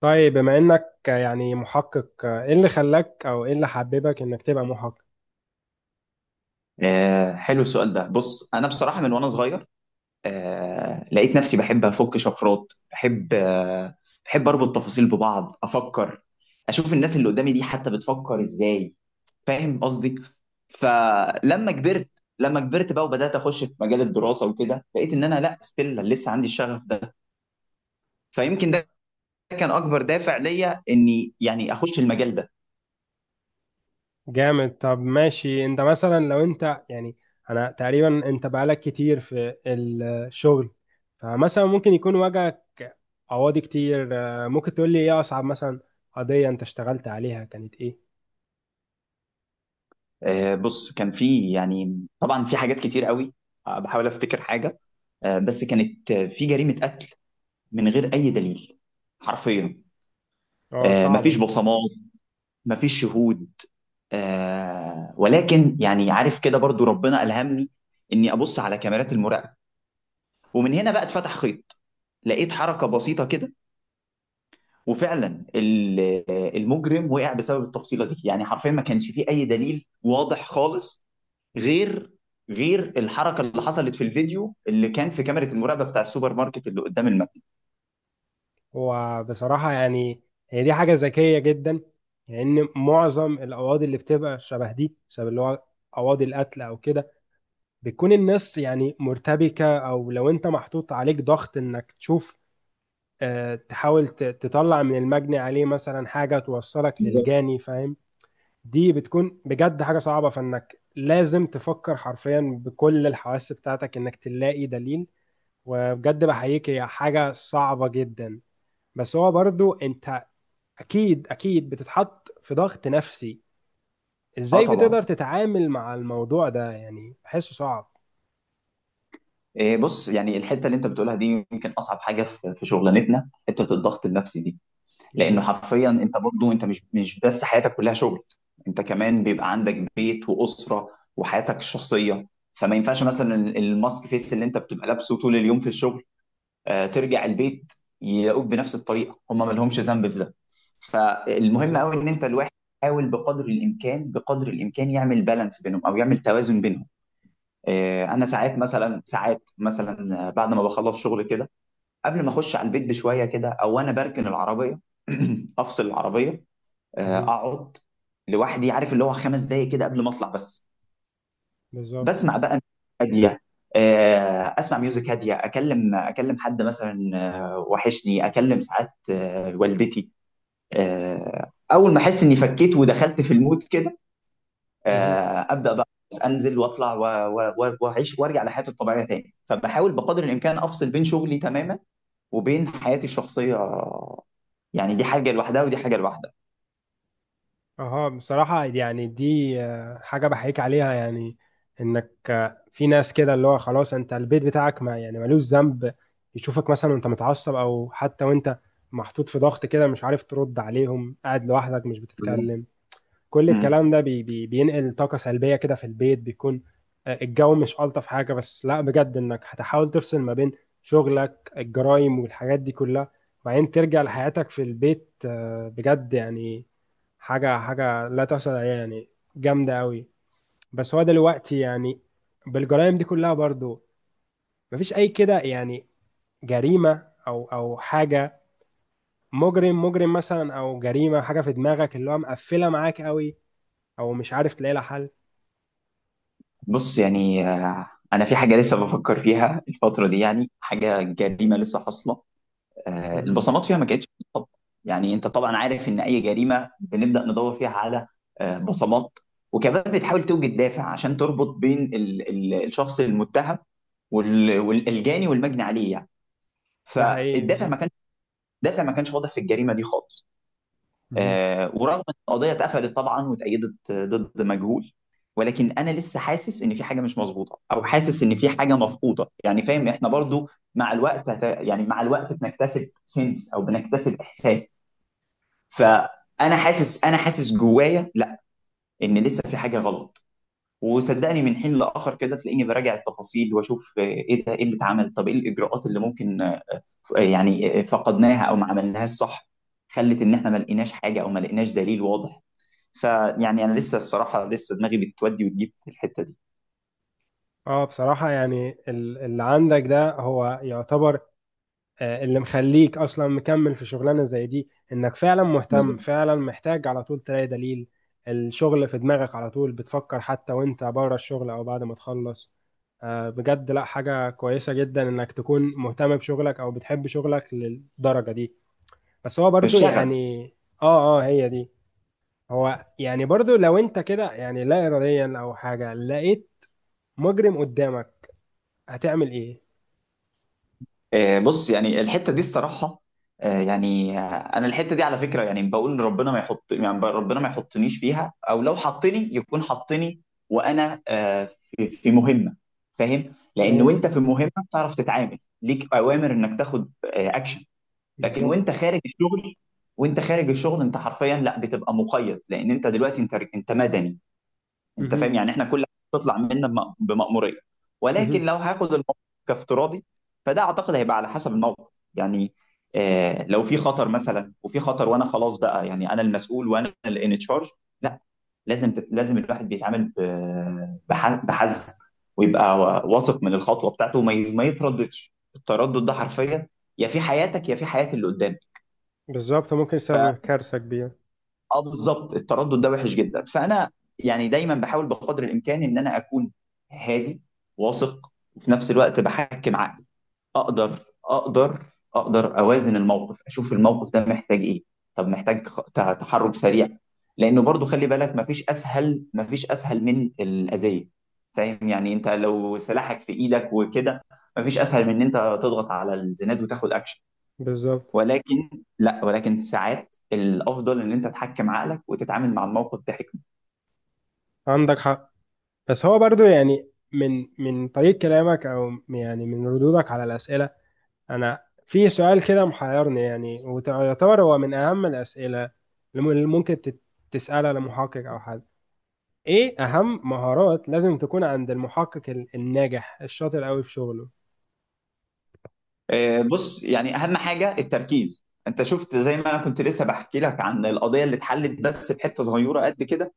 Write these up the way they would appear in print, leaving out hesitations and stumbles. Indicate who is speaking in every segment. Speaker 1: طيب، بما انك محقق، ايه اللي خلاك او ايه اللي حببك انك تبقى محقق؟
Speaker 2: حلو السؤال ده. بص، انا بصراحه من وانا صغير لقيت نفسي بحب افك شفرات، بحب، بحب اربط تفاصيل ببعض، افكر، اشوف الناس اللي قدامي دي حتى بتفكر ازاي، فاهم قصدي؟ فلما كبرت لما كبرت بقى وبدات اخش في مجال الدراسه وكده، لقيت ان انا لا ستيل لسه عندي الشغف ده، فيمكن ده كان اكبر دافع ليا اني يعني اخش المجال ده.
Speaker 1: جامد. طب ماشي. انت مثلا لو انت انا تقريبا انت بقالك كتير في الشغل، فمثلا ممكن يكون واجهك قواضي كتير. ممكن تقول لي ايه اصعب مثلا قضية انت اشتغلت عليها؟ كانت ايه؟
Speaker 2: بص، كان في يعني طبعا في حاجات كتير قوي، بحاول افتكر حاجه. بس كانت، في جريمة قتل من غير أي دليل، حرفيا.
Speaker 1: اه، صعبة
Speaker 2: مفيش
Speaker 1: دي.
Speaker 2: بصمات، مفيش شهود، ولكن يعني عارف كده برضو ربنا ألهمني إني أبص على كاميرات المراقبة، ومن هنا بقى اتفتح خيط. لقيت حركة بسيطة كده، وفعلا ال- المجرم وقع بسبب التفصيلة دي، يعني حرفيا ما كانش فيه أي دليل واضح خالص، غير غير الحركة اللي حصلت في الفيديو اللي كان في كاميرا المراقبة بتاع السوبر ماركت اللي قدام المكتب.
Speaker 1: وبصراحة هي دي حاجة ذكية جدا، لان معظم القواضي اللي بتبقى شبه دي، شبه اللي هو قواضي القتل او كده، بتكون الناس مرتبكة، أو لو أنت محطوط عليك ضغط إنك تشوف، تحاول تطلع من المجني عليه مثلا حاجة توصلك
Speaker 2: بالظبط.
Speaker 1: للجاني، فاهم؟ دي بتكون بجد حاجة صعبة، فإنك لازم تفكر حرفيا بكل الحواس بتاعتك إنك تلاقي دليل. وبجد بحييك، هي حاجة صعبة جدا. بس هو برضو أنت أكيد أكيد بتتحط في ضغط نفسي،
Speaker 2: اه
Speaker 1: إزاي بتقدر
Speaker 2: طبعا.
Speaker 1: تتعامل مع الموضوع ده؟ يعني بحسه صعب.
Speaker 2: بص، يعني الحته اللي انت بتقولها دي يمكن اصعب حاجه في شغلانتنا، حته الضغط النفسي دي، لانه
Speaker 1: بالظبط.
Speaker 2: حرفيا انت برضو انت مش بس حياتك كلها شغل، انت كمان بيبقى عندك بيت واسره وحياتك الشخصيه، فما ينفعش مثلا الماسك فيس اللي انت بتبقى لابسه طول اليوم في الشغل، ترجع البيت يلاقوك بنفس الطريقه، هم ما لهمش ذنب في ده. فالمهم
Speaker 1: بالظبط.
Speaker 2: قوي ان انت الواحد يحاول بقدر الامكان، بقدر الامكان يعمل بالانس بينهم او يعمل توازن بينهم. انا ساعات مثلا، ساعات مثلا بعد ما بخلص شغل كده، قبل ما اخش على البيت بشويه كده، او انا بركن العربيه افصل العربيه، اقعد لوحدي، عارف اللي هو خمس دقايق كده قبل ما اطلع بس،
Speaker 1: بالظبط.
Speaker 2: بسمع بقى ميوزك هاديه. اسمع ميوزك هاديه، اكلم حد مثلا، وحشني اكلم ساعات، والدتي. اول ما احس اني فكيت ودخلت في المود كده،
Speaker 1: مهم.
Speaker 2: ابدا بقى انزل واطلع و واعيش وارجع لحياتي الطبيعيه تاني. فبحاول بقدر الامكان افصل بين شغلي تماما وبين حياتي الشخصيه، يعني دي حاجه لوحدها ودي حاجه لوحدها.
Speaker 1: اها، بصراحة دي حاجة بحييك عليها. يعني انك في ناس كده اللي هو خلاص انت البيت بتاعك ما يعني ملوش ذنب، يشوفك مثلا وانت متعصب، او حتى وانت محطوط في ضغط كده، مش عارف ترد عليهم، قاعد لوحدك مش
Speaker 2: بالظبط.
Speaker 1: بتتكلم. كل
Speaker 2: مم.
Speaker 1: الكلام ده بي بينقل طاقة سلبية كده في البيت. بيكون الجو مش ألطف حاجة. بس لا، بجد إنك هتحاول تفصل ما بين شغلك، الجرايم والحاجات دي كلها، وبعدين ترجع لحياتك في البيت، بجد يعني حاجة حاجة لا تحصل عليها يعني. جامدة أوي. بس هو دلوقتي بالجرائم دي كلها برضو، مفيش أي كده يعني جريمة أو أو حاجة، مجرم مثلا أو جريمة، حاجة في دماغك اللي هو مقفلة معاك أوي، أو مش عارف تلاقي لها حل؟
Speaker 2: بص يعني، انا في حاجه لسه بفكر فيها الفتره دي، يعني حاجه، جريمه لسه حاصله،
Speaker 1: مهم.
Speaker 2: البصمات فيها ما كانتش، طبعا يعني انت طبعا عارف ان اي جريمه بنبدا ندور فيها على بصمات، وكمان بتحاول توجد دافع عشان تربط بين الشخص المتهم والجاني والمجني عليه يعني.
Speaker 1: ده حقيقي.
Speaker 2: فالدافع ما
Speaker 1: بالظبط.
Speaker 2: كانش، الدافع ما كانش واضح في الجريمه دي خالص.
Speaker 1: مهم.
Speaker 2: ورغم ان القضيه اتقفلت طبعا واتأيدت ضد مجهول، ولكن انا لسه حاسس ان في حاجه مش مظبوطه، او حاسس ان في حاجه مفقوده، يعني فاهم، احنا برضو مع الوقت يعني مع الوقت بنكتسب سنس او بنكتسب احساس، فانا حاسس، انا حاسس جوايا لا، ان لسه في حاجه غلط. وصدقني من حين لاخر كده تلاقيني براجع التفاصيل واشوف، ايه ده، ايه اللي اتعمل، طب ايه الاجراءات اللي ممكن يعني فقدناها او ما عملناهاش صح، خلت ان احنا ما لقيناش حاجه او ما لقيناش دليل واضح. فيعني انا لسه الصراحه لسه دماغي بتودي وتجيب في الحته دي.
Speaker 1: اه، بصراحة اللي عندك ده هو يعتبر اللي مخليك أصلا مكمل في شغلانة زي دي، إنك فعلا مهتم،
Speaker 2: بالظبط.
Speaker 1: فعلا محتاج على طول تلاقي دليل. الشغل في دماغك على طول، بتفكر حتى وانت بره الشغل أو بعد ما تخلص، بجد لا، حاجة كويسة جدا إنك تكون مهتم بشغلك أو بتحب شغلك للدرجة دي. بس هو برضو
Speaker 2: الشغف.
Speaker 1: يعني… اه اه، هي دي. هو برضو لو انت كده يعني لا إراديا أو حاجة لقيت مجرم قدامك، هتعمل ايه؟
Speaker 2: بص يعني الحته دي الصراحه، آه، يعني آه، انا الحته دي على فكره يعني بقول ربنا ما يحط يعني ربنا ما يحطنيش فيها، او لو حطني يكون حطني وانا في في مهمه، فاهم، لان
Speaker 1: تمام.
Speaker 2: وانت في مهمه بتعرف تتعامل، ليك اوامر انك تاخد اكشن. لكن
Speaker 1: بالظبط.
Speaker 2: وانت خارج الشغل، وانت خارج الشغل انت حرفيا لا بتبقى مقيد، لان انت دلوقتي انت انت مدني. انت فاهم
Speaker 1: مهم.
Speaker 2: يعني احنا كل حاجه بتطلع منا بمأموريه، ولكن
Speaker 1: مهم.
Speaker 2: لو هاخد الموقف كافتراضي، فده اعتقد هيبقى على حسب الموقف يعني. آه لو في خطر مثلا، وفي خطر وانا خلاص بقى يعني انا المسؤول وانا اللي ان تشارج، لا، لازم الواحد بيتعامل بحذر، ويبقى واثق من الخطوه بتاعته، ما يترددش، التردد ده حرفيا يا في حياتك يا في حياه اللي قدامك.
Speaker 1: بالظبط، ممكن يسبب كارثة كبيرة.
Speaker 2: اه بالظبط، التردد ده وحش جدا، فانا يعني دايما بحاول بقدر الامكان ان انا اكون هادي، واثق، وفي نفس الوقت بحكم عقلي اقدر اقدر اقدر اوازن الموقف، اشوف الموقف ده محتاج ايه، طب محتاج تحرك سريع، لانه برضو خلي بالك مفيش اسهل، مفيش اسهل من الاذيه، فاهم يعني، انت لو سلاحك في ايدك وكده، مفيش اسهل من ان انت تضغط على الزناد وتاخد اكشن،
Speaker 1: بالظبط.
Speaker 2: ولكن، لا ولكن ساعات الافضل ان انت تحكم عقلك وتتعامل مع الموقف بحكمه.
Speaker 1: عندك حق. بس هو برضو من طريق كلامك او من ردودك على الأسئلة، انا في سؤال كده محيرني، يعني ويعتبر هو من اهم الأسئلة اللي ممكن تسألها لمحقق او حد. ايه اهم مهارات لازم تكون عند المحقق الناجح الشاطر قوي في شغله؟
Speaker 2: بص يعني اهم حاجه التركيز. انت شفت زي ما انا كنت لسه بحكي لك عن القضيه اللي اتحلت بس بحته صغيره قد كده،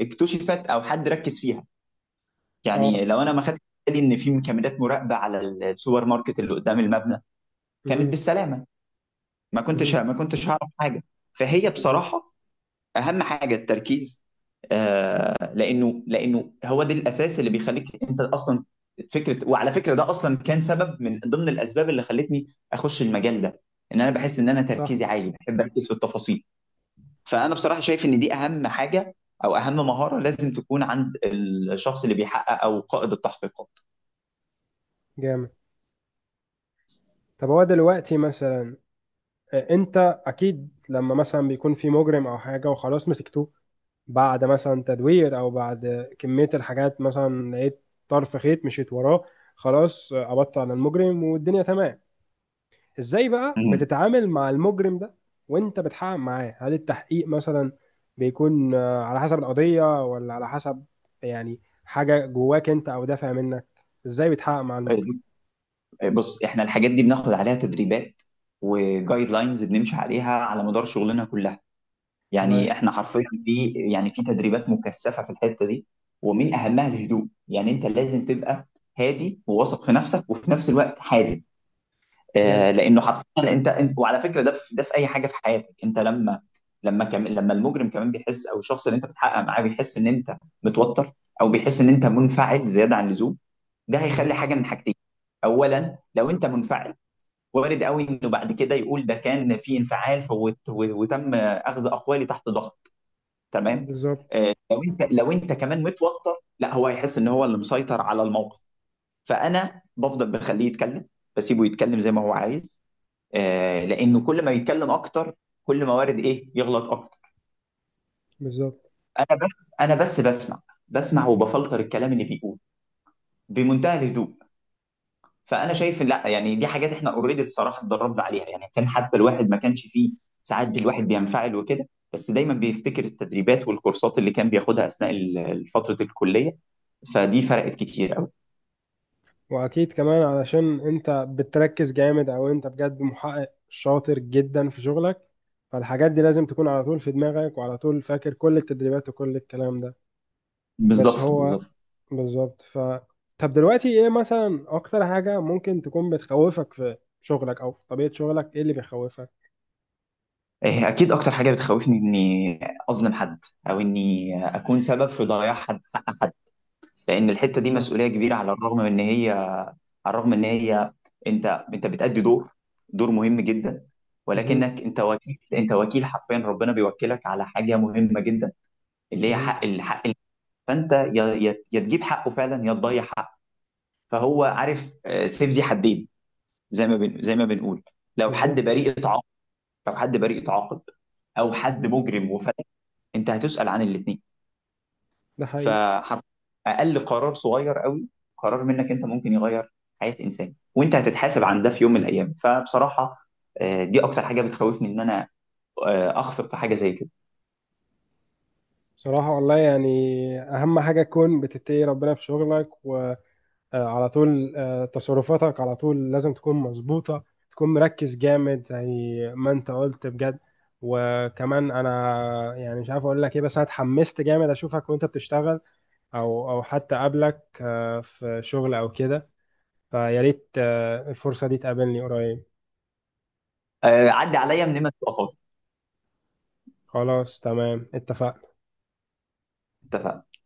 Speaker 2: اكتشفت او حد ركز فيها،
Speaker 1: اه.
Speaker 2: يعني لو انا ما خدت بالي ان في كاميرات مراقبه على السوبر ماركت اللي قدام المبنى كانت
Speaker 1: مهم.
Speaker 2: بالسلامه، ما كنتش،
Speaker 1: مهم.
Speaker 2: هعرف حاجه. فهي
Speaker 1: بالظبط.
Speaker 2: بصراحه اهم حاجه التركيز، آه لانه، لانه هو ده الاساس اللي بيخليك انت اصلا فكره. وعلى فكره ده اصلا كان سبب من ضمن الاسباب اللي خلتني اخش المجال ده، ان انا بحس ان انا
Speaker 1: صح.
Speaker 2: تركيزي عالي، بحب اركز في التفاصيل. فانا بصراحه شايف ان دي اهم حاجه، او اهم مهاره لازم تكون عند الشخص اللي بيحقق او قائد التحقيقات.
Speaker 1: جامد. طب هو دلوقتي مثلا، انت اكيد لما مثلا بيكون في مجرم او حاجه وخلاص مسكتوه، بعد مثلا تدوير او بعد كميه الحاجات، مثلا لقيت طرف خيط مشيت وراه، خلاص قبضت على المجرم والدنيا تمام، ازاي بقى
Speaker 2: مم.
Speaker 1: بتتعامل مع المجرم ده وانت بتحقق معاه؟ هل التحقيق مثلا بيكون على حسب القضيه؟ ولا على حسب يعني حاجه جواك انت او دافع منك؟ ازاي بتحقق مع المجرم؟
Speaker 2: بص احنا الحاجات دي بناخد عليها تدريبات، وجايد لاينز بنمشي عليها على مدار شغلنا كلها،
Speaker 1: تمام.
Speaker 2: يعني احنا حرفيا في يعني في تدريبات مكثفه في الحته دي. ومن اهمها الهدوء، يعني انت لازم تبقى هادي وواثق في نفسك، وفي نفس الوقت حازم،
Speaker 1: جامد.
Speaker 2: آه لانه حرفيا انت وعلى فكره ده في ده في اي حاجه في حياتك، انت لما لما كم لما المجرم كمان بيحس او الشخص اللي انت بتحقق معاه بيحس ان انت متوتر، او بيحس ان انت منفعل زياده عن اللزوم، ده هيخلي
Speaker 1: مهم.
Speaker 2: حاجه من حاجتين. اولا لو انت منفعل، وارد قوي انه بعد كده يقول ده كان في انفعال فوت وتم اخذ اقوالي تحت ضغط، تمام.
Speaker 1: بالظبط.
Speaker 2: لو انت، لو انت كمان متوتر لا، هو هيحس ان هو اللي مسيطر على الموقف. فانا بفضل بخليه يتكلم، بسيبه يتكلم زي ما هو عايز، لانه كل ما يتكلم اكتر، كل ما وارد ايه يغلط اكتر.
Speaker 1: بالظبط.
Speaker 2: انا بس بسمع، بسمع وبفلتر الكلام اللي بيقول بمنتهى الهدوء. فانا شايف إن لا يعني دي حاجات احنا اوريدي الصراحه اتدربنا عليها، يعني كان حتى الواحد ما كانش فيه، ساعات الواحد بينفعل وكده، بس دايما بيفتكر التدريبات والكورسات اللي كان بياخدها اثناء فتره الكليه، فدي فرقت كتير قوي.
Speaker 1: واكيد كمان علشان انت بتركز جامد، او انت بجد محقق شاطر جدا في شغلك، فالحاجات دي لازم تكون على طول في دماغك، وعلى طول فاكر كل التدريبات وكل الكلام ده. بس
Speaker 2: بالظبط
Speaker 1: هو
Speaker 2: بالظبط
Speaker 1: بالظبط، ف… طب دلوقتي ايه مثلا اكتر حاجة ممكن تكون بتخوفك في شغلك او في طبيعة شغلك، ايه اللي بيخوفك؟
Speaker 2: اكيد اكتر حاجه بتخوفني اني اظلم حد، او اني اكون سبب في ضياع حد، لان الحته دي
Speaker 1: صح.
Speaker 2: مسؤوليه كبيره. على الرغم من ان هي، على الرغم ان هي، انت، انت بتأدي دور، دور مهم جدا،
Speaker 1: مهم.
Speaker 2: ولكنك انت وكيل، انت وكيل حرفيا، ربنا بيوكلك على حاجه مهمه جدا، اللي هي
Speaker 1: مهم.
Speaker 2: حق الحق، فانت يا تجيب حقه فعلا يا تضيع حقه. فهو عارف، سيف ذي حدين زي ما زي ما بنقول، لو حد
Speaker 1: بالظبط.
Speaker 2: بريء اتعاقب، لو حد بريء اتعاقب، او حد
Speaker 1: مهم.
Speaker 2: مجرم وفتح، انت هتسأل عن الاثنين.
Speaker 1: ده حقيقي.
Speaker 2: فحرف اقل قرار صغير قوي، قرار منك انت ممكن يغير حياه انسان، وانت هتتحاسب عن ده في يوم من الايام. فبصراحه، دي اكتر حاجه بتخوفني، ان انا اخفق في حاجه زي كده.
Speaker 1: بصراحة والله يعني أهم حاجة تكون بتتقي ربنا في شغلك و على طول تصرفاتك على طول لازم تكون مظبوطة، تكون مركز جامد زي ما انت قلت، بجد. وكمان انا مش عارف اقول لك ايه، بس انا اتحمست جامد اشوفك وانت بتشتغل، او او حتى اقابلك في شغل او كده، فيا ريت الفرصة دي تقابلني قريب.
Speaker 2: عدي عليا من ما تبقى فاضي.
Speaker 1: خلاص تمام، اتفقنا.
Speaker 2: اتفقنا.